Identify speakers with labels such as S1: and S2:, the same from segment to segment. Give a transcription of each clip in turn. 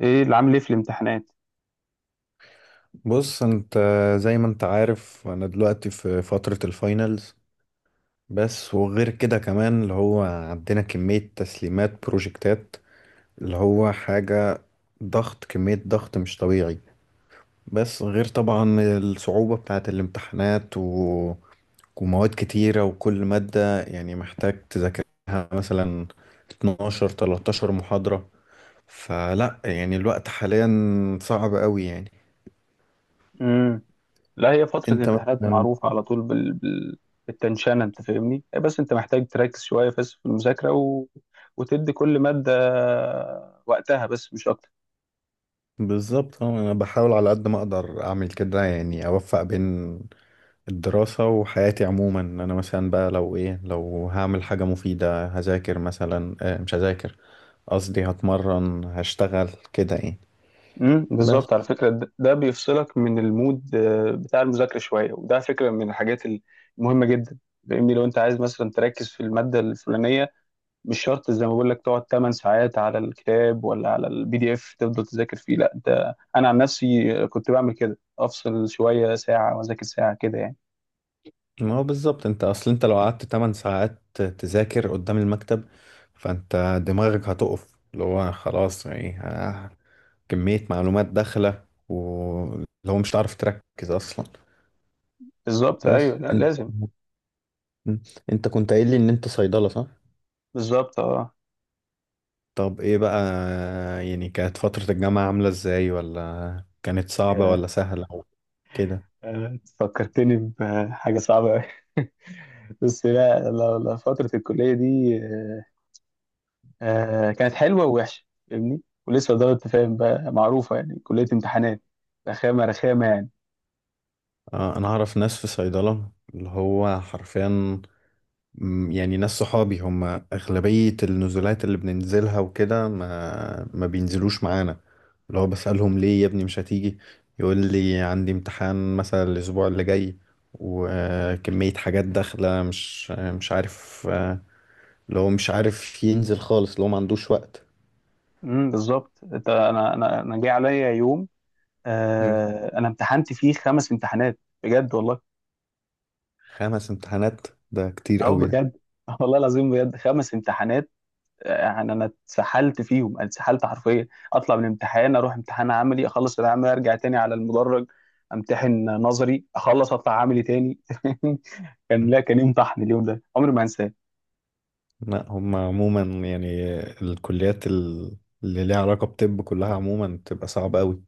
S1: ايه اللي عامل ايه في الامتحانات؟
S2: بص انت، زي ما انت عارف انا دلوقتي في فترة الفاينلز. بس وغير كده كمان اللي هو عندنا كمية تسليمات بروجكتات اللي هو حاجة، ضغط، كمية ضغط مش طبيعي. بس غير طبعا الصعوبة بتاعة الامتحانات ومواد كتيرة وكل مادة يعني محتاج تذاكرها، مثلا 12 13 محاضرة. فلا يعني الوقت حاليا صعب قوي يعني.
S1: امم لا، هي فترة
S2: انت
S1: الامتحانات
S2: مثلا.
S1: معروفة على طول بالتنشانة. أنت فاهمني إيه؟ بس أنت محتاج تركز شوية بس في المذاكرة وتدي كل مادة وقتها، بس مش أكتر.
S2: بالظبط، اه انا بحاول على قد ما اقدر اعمل كده، يعني اوفق بين الدراسة وحياتي عموما. انا مثلا بقى لو ايه، لو هعمل حاجة مفيدة هذاكر، مثلا آه مش هذاكر، قصدي هتمرن، هشتغل كده يعني.
S1: بالظبط. على
S2: بس
S1: فكرة، ده بيفصلك من المود، بتاع المذاكرة شوية، وده فكرة من الحاجات المهمة جدا. فاهمني؟ لو أنت عايز مثلا تركز في المادة الفلانية، مش شرط زي ما بقول لك تقعد 8 ساعات على الكتاب ولا على البي دي اف تفضل تذاكر فيه. لا، انت انا عن نفسي كنت بعمل كده، افصل شويه ساعه واذاكر ساعه كده يعني.
S2: ما هو بالظبط، انت اصل انت لو قعدت 8 ساعات تذاكر قدام المكتب، فانت دماغك هتقف، اللي هو خلاص يعني كمية معلومات داخلة، واللي هو مش هتعرف تركز اصلا.
S1: بالظبط. ايوه،
S2: بس
S1: لا
S2: انت.
S1: لازم.
S2: مم. انت كنت قايل لي ان انت صيدلة، صح؟
S1: بالظبط، اه.
S2: طب ايه بقى، يعني كانت فترة الجامعة عاملة ازاي، ولا كانت صعبة
S1: يا-
S2: ولا سهلة، او كده.
S1: فكرتني بحاجه صعبه قوي. بس لا لا لا، فتره الكليه دي كانت حلوه ووحشه. فاهمني؟ ولسه دارت تفاهم بقى، معروفه يعني، كليه امتحانات. رخامه رخامه يعني.
S2: آه انا اعرف ناس في صيدلة، اللي هو حرفيا مم، يعني ناس صحابي هم اغلبية النزولات اللي بننزلها وكده ما بينزلوش معانا. اللي هو بسألهم، ليه يا ابني مش هتيجي؟ يقول لي عندي امتحان مثلا الاسبوع اللي جاي، وكمية حاجات داخلة مش عارف آه، لو مش عارف ينزل خالص، لو ما عندوش وقت.
S1: بالظبط. انت، انا جه عليا يوم،
S2: مم.
S1: انا امتحنت فيه 5 امتحانات، بجد والله.
S2: خمس امتحانات ده كتير
S1: او
S2: قوي ده.
S1: بجد. والله العظيم، بجد 5 امتحانات. يعني انا اتسحلت فيهم، أنا اتسحلت حرفيا. اطلع من امتحان اروح امتحان عملي، اخلص العملي ارجع تاني على المدرج، امتحن نظري اخلص اطلع عملي تاني. كان لا كان يوم طحن، اليوم ده عمري ما هنساه.
S2: لا هم عموما يعني الكليات اللي ليها علاقة بطب كلها عموما بتبقى صعبة قوي.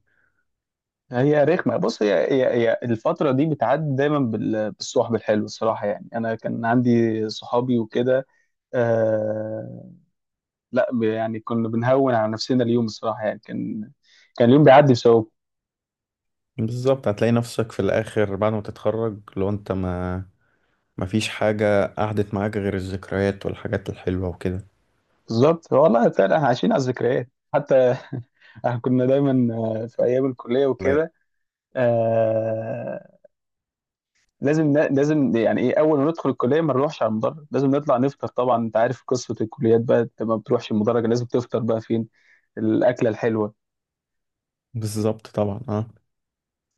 S1: هي رخمه، بص، هي الفتره دي بتعدي دايما بالصحب الحلو، الصراحه يعني. انا كان عندي صحابي وكده، آه، لا، يعني كنا بنهون على نفسنا اليوم، الصراحه يعني. كان اليوم بيعدي بسبب...
S2: بالظبط، هتلاقي نفسك في الآخر بعد ما تتخرج، لو انت ما فيش حاجة قعدت معاك غير الذكريات والحاجات الحلوة وكده.
S1: بالظبط والله، فعلا احنا عايشين على الذكريات حتى. احنا كنا دايما، في ايام الكليه
S2: لا،
S1: وكده. آه لازم لازم، يعني ايه، اول ما ندخل الكليه ما نروحش على المدرج، لازم نطلع نفطر. طبعا انت عارف قصه الكليات بقى، انت ما بتروحش المدرج، لازم تفطر بقى فين الاكله الحلوه.
S2: بالظبط طبعا اه.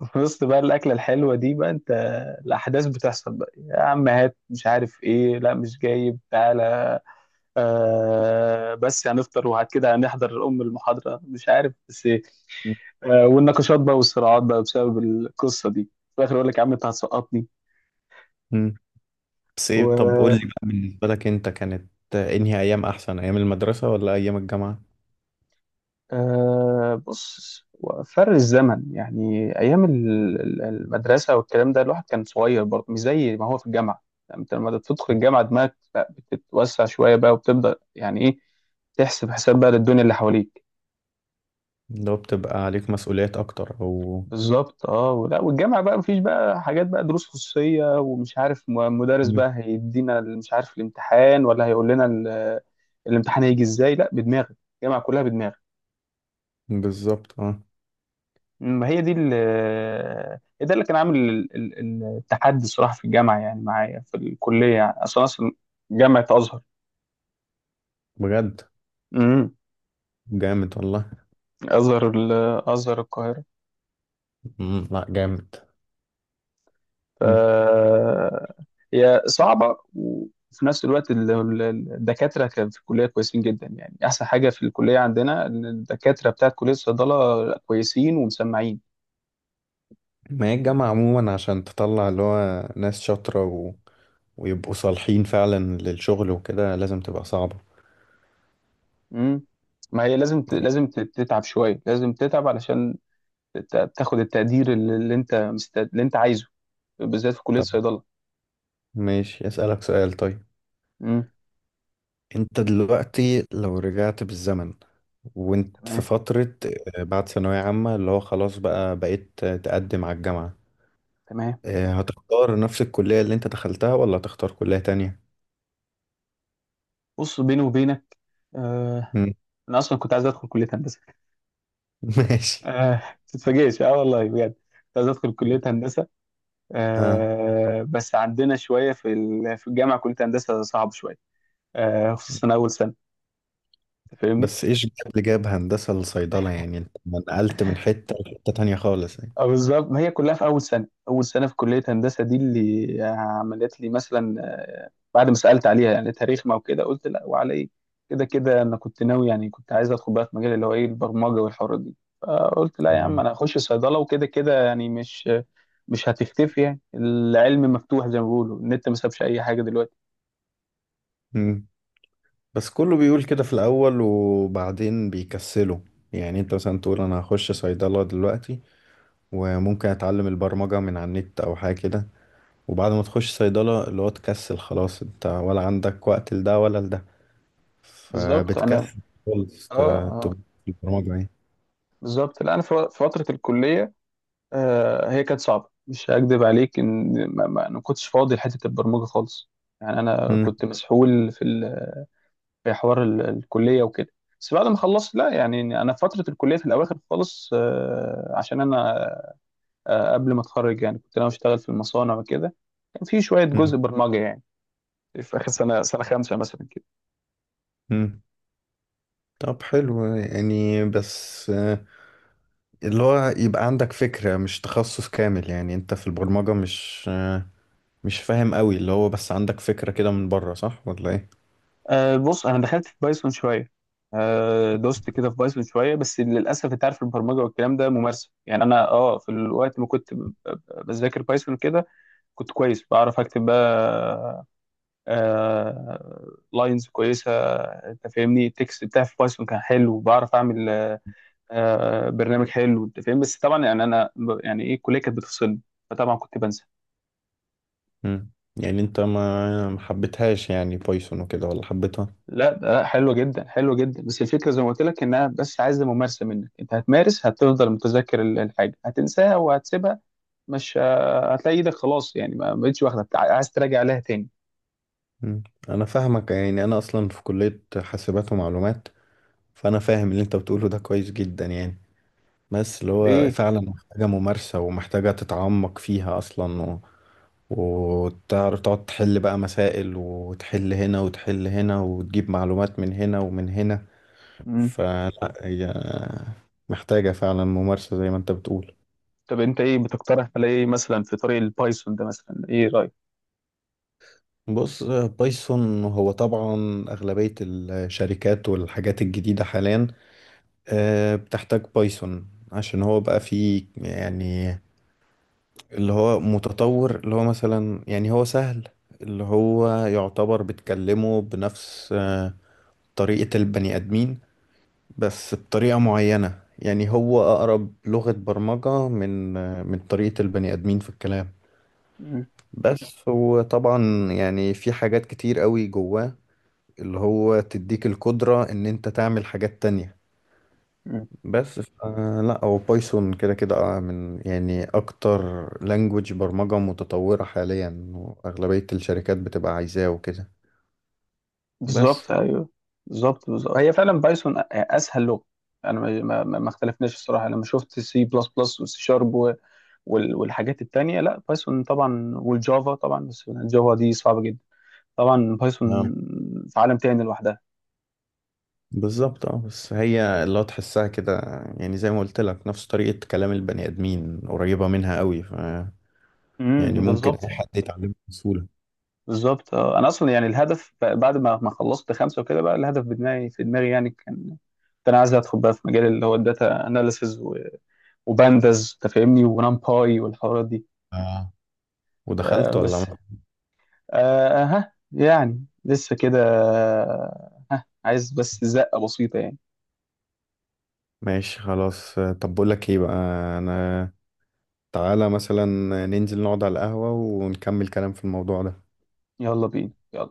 S1: في وسط بقى الاكله الحلوه دي بقى، انت الاحداث بتحصل بقى، يا عم هات، مش عارف ايه، لا مش جايب، تعالى، بس هنفطر وبعد كده هنحضر المحاضرة، مش عارف بس إيه. والنقاشات بقى والصراعات بقى بسبب القصة دي في الآخر، يقول لك يا عم أنت هتسقطني.
S2: مم. بس ايه، طب قول لي
S1: و
S2: بقى، بالنسبة لك انت كانت انهي ايام احسن، ايام المدرسة ولا ايام الجامعة؟
S1: بص، فرق الزمن يعني، أيام المدرسة والكلام ده، الواحد كان صغير برضه، مش زي ما هو في الجامعة. يعني أنت لما تدخل الجامعة، دماغك، لا، بتتوسع شوية بقى، وبتبدأ، يعني إيه، تحسب حساب بقى للدنيا اللي حواليك.
S2: لو بتبقى عليك مسؤوليات اكتر او.
S1: بالظبط، اه. ولا، والجامعه بقى مفيش بقى حاجات بقى دروس خصوصيه، ومش عارف مدرس
S2: مم.
S1: بقى هيدينا مش عارف الامتحان، ولا هيقول لنا الامتحان هيجي ازاي. لا، بدماغك، الجامعه كلها بدماغك.
S2: بالظبط اه.
S1: ما هي دي ال- هي ده اللي كان عامل التحدي، الصراحه، في الجامعه يعني، معايا في الكليه يعني، اصلا اصلا، جامعه ازهر.
S2: بجد،
S1: امم
S2: جامد والله.
S1: ازهر ال- ازهر القاهره.
S2: مم، لا جامد.
S1: ف
S2: مم.
S1: هي صعبة، وفي نفس الوقت الدكاترة كان في الكلية كويسين جدا. يعني أحسن حاجة في الكلية عندنا، إن الدكاترة بتاعت كلية الصيدلة كويسين ومسمعين.
S2: ما هي الجامعة عموما عشان تطلع اللي هو ناس شاطرة ويبقوا صالحين فعلا للشغل وكده، لازم تبقى صعبة.
S1: مم. ما هي لازم
S2: مم.
S1: لازم تتعب شوية، لازم تتعب علشان تاخد التقدير اللي أنت اللي أنت عايزه، بالذات في كلية
S2: طب
S1: الصيدلة.
S2: ماشي، أسألك سؤال طيب.
S1: مم.
S2: انت دلوقتي لو رجعت بالزمن وانت في
S1: تمام.
S2: فترة آه، بعد ثانوية عامة، اللي هو خلاص بقى بقيت تقدم على الجامعة،
S1: تمام.
S2: آه، هتختار نفس الكلية اللي انت دخلتها ولا هتختار كلية تانية؟
S1: بص، بيني وبينك، آه...
S2: مم.
S1: أنا أصلا كنت عايز أدخل كلية هندسة.
S2: ماشي.
S1: آه... تتفاجئش، والله بجد كنت عايز أدخل كلية هندسة.
S2: اه
S1: بس عندنا شويه، في الجامعه كليه هندسه صعب شويه، خصوصا اول سنه. أنت فاهمني؟
S2: بس ايش جاب اللي جاب هندسة لصيدلة؟ يعني انت ما نقلت من حتة لحتة تانية خالص يعني.
S1: بالظبط، ما هي كلها في اول سنه، اول سنه في كليه هندسه دي اللي عملت لي مثلا، بعد ما سالت عليها يعني تاريخنا وكده، قلت لا، وعلى ايه. كده كده انا كنت ناوي، يعني كنت عايز ادخل بقى في مجال اللي هو ايه، البرمجه والحوارات دي. فقلت لا يا عم،
S2: مم.
S1: انا هخش صيدله، وكده كده يعني مش هتختفي. يعني العلم مفتوح، زي ما بيقولوا النت ما سابش اي حاجه دلوقتي.
S2: مم. بس كله بيقول كده في الأول وبعدين بيكسلوا. يعني انت مثلا تقول انا هخش صيدلة دلوقتي، وممكن اتعلم البرمجة من على النت او حاجة كده، وبعد ما تخش صيدلة اللي هو تكسل خلاص، انت ولا عندك وقت لده ولا لده،
S1: بالظبط. انا،
S2: فبتكسل خالص
S1: اه اه.
S2: تبقى في البرمجة يعني.
S1: بالظبط. لا انا في فتره الكليه، هي كانت صعبه، مش هكدب عليك، ان أنا ما كنتش فاضي لحته البرمجه خالص، يعني انا
S2: مم.
S1: كنت مسحول في حوار الكليه وكده. بس بعد ما خلصت، لا يعني، انا في فتره الكليه في الاواخر خالص، عشان انا، قبل ما اتخرج يعني، كنت انا اشتغل في المصانع وكده، كان في شويه جزء
S2: مم.
S1: برمجه يعني، في اخر سنه، سنه خامسه مثلا.
S2: مم. طب حلو يعني، بس آه، اللي هو يبقى عندك فكرة، مش تخصص كامل. يعني انت في البرمجة مش آه، مش فاهم قوي، اللي هو بس عندك فكرة كده من بره، صح ولا ايه؟
S1: بص، انا دخلت في بايثون شويه، دوست كده في بايثون شويه. بس للاسف، انت عارف، البرمجه والكلام ده ممارسه. يعني انا، في الوقت ما كنت بذاكر بايثون كده، كنت كويس، بعرف اكتب بقى لاينز كويسه. انت فاهمني؟ التكست بتاعي في بايثون كان حلو، بعرف اعمل برنامج حلو، انت فاهم. بس طبعا، يعني انا، يعني ايه، الكليه كانت بتفصلني، فطبعا كنت بنسى.
S2: مم. يعني انت ما ما حبيتهاش يعني بايثون وكده، ولا حبيتها؟
S1: لا ده لا، حلوة جدا، حلوة جدا. بس الفكرة زي ما قلت لك، انها بس عايزة ممارسة منك، انت هتمارس هتفضل متذكر الحاجة، هتنساها وهتسيبها. مش هتلاقي ايدك خلاص يعني، ما بقتش واخدة عايز تراجع عليها تاني.
S2: مم. انا فاهمك، يعني انا اصلا في كلية حاسبات ومعلومات، فانا فاهم اللي انت بتقوله ده كويس جدا يعني. بس اللي
S1: طب
S2: هو
S1: ايه.
S2: فعلا محتاجة ممارسة، ومحتاجة تتعمق فيها اصلا، وتعرف تقعد تحل بقى مسائل، وتحل هنا وتحل هنا، وتجيب معلومات من هنا ومن هنا.
S1: مم.
S2: فلا هي محتاجة فعلا ممارسة، زي ما انت بتقول.
S1: طب انت ايه بتقترح، على ايه مثلا في طريق البايثون ده مثلا، ايه رأيك؟
S2: بص، بايثون هو طبعا أغلبية الشركات والحاجات الجديدة حاليا آه، بتحتاج بايثون، عشان هو بقى فيه يعني اللي هو متطور، اللي هو مثلا يعني هو سهل، اللي هو يعتبر بتكلمه بنفس آه، طريقة البني آدمين، بس بطريقة معينة. يعني هو أقرب لغة برمجة من من طريقة البني آدمين في الكلام.
S1: مم.
S2: بس هو طبعا يعني في حاجات كتير قوي جواه، اللي هو تديك القدرة إن أنت تعمل حاجات تانية.
S1: مم.
S2: بس لا هو بايثون كده كده آه، من يعني أكتر لانجوج برمجة متطورة حاليا، وأغلبية الشركات بتبقى عايزاه وكده. بس.
S1: بالظبط، ايوه. بالظبط، بالظبط، هي فعلا بايثون اسهل لغة. انا ما اختلفناش، الصراحة، انا ما شفت سي بلس بلس وسي شارب والحاجات التانية، لا بايثون طبعا، والجافا طبعا، بس الجافا دي صعبة جدا. طبعا
S2: نعم.
S1: بايثون في عالم تاني لوحدها.
S2: بالظبط اه، بس هي اللي هو تحسها كده، يعني زي ما قلت لك نفس طريقة كلام البني آدمين قريبة منها قوي، ف يعني ممكن أي
S1: بالظبط.
S2: حد يتعلمها بسهولة.
S1: بالظبط، انا اصلا يعني الهدف بعد ما خلصت 5 وكده، بقى الهدف بدماغي، في دماغي يعني، كان، كنت انا عايز ادخل بقى في مجال اللي هو الداتا اناليسز، وبانداز تفهمني، ونمباي والحوارات دي.
S2: آه.
S1: آه
S2: ودخلت ولا
S1: بس
S2: ما؟
S1: آه ها يعني لسه كده، آه، ها عايز بس زقة بسيطة يعني.
S2: ماشي خلاص آه، طب بقول لك ايه بقى، انا تعالى مثلا ننزل نقعد على القهوة ونكمل كلام في الموضوع ده.
S1: يلا بينا، يلا.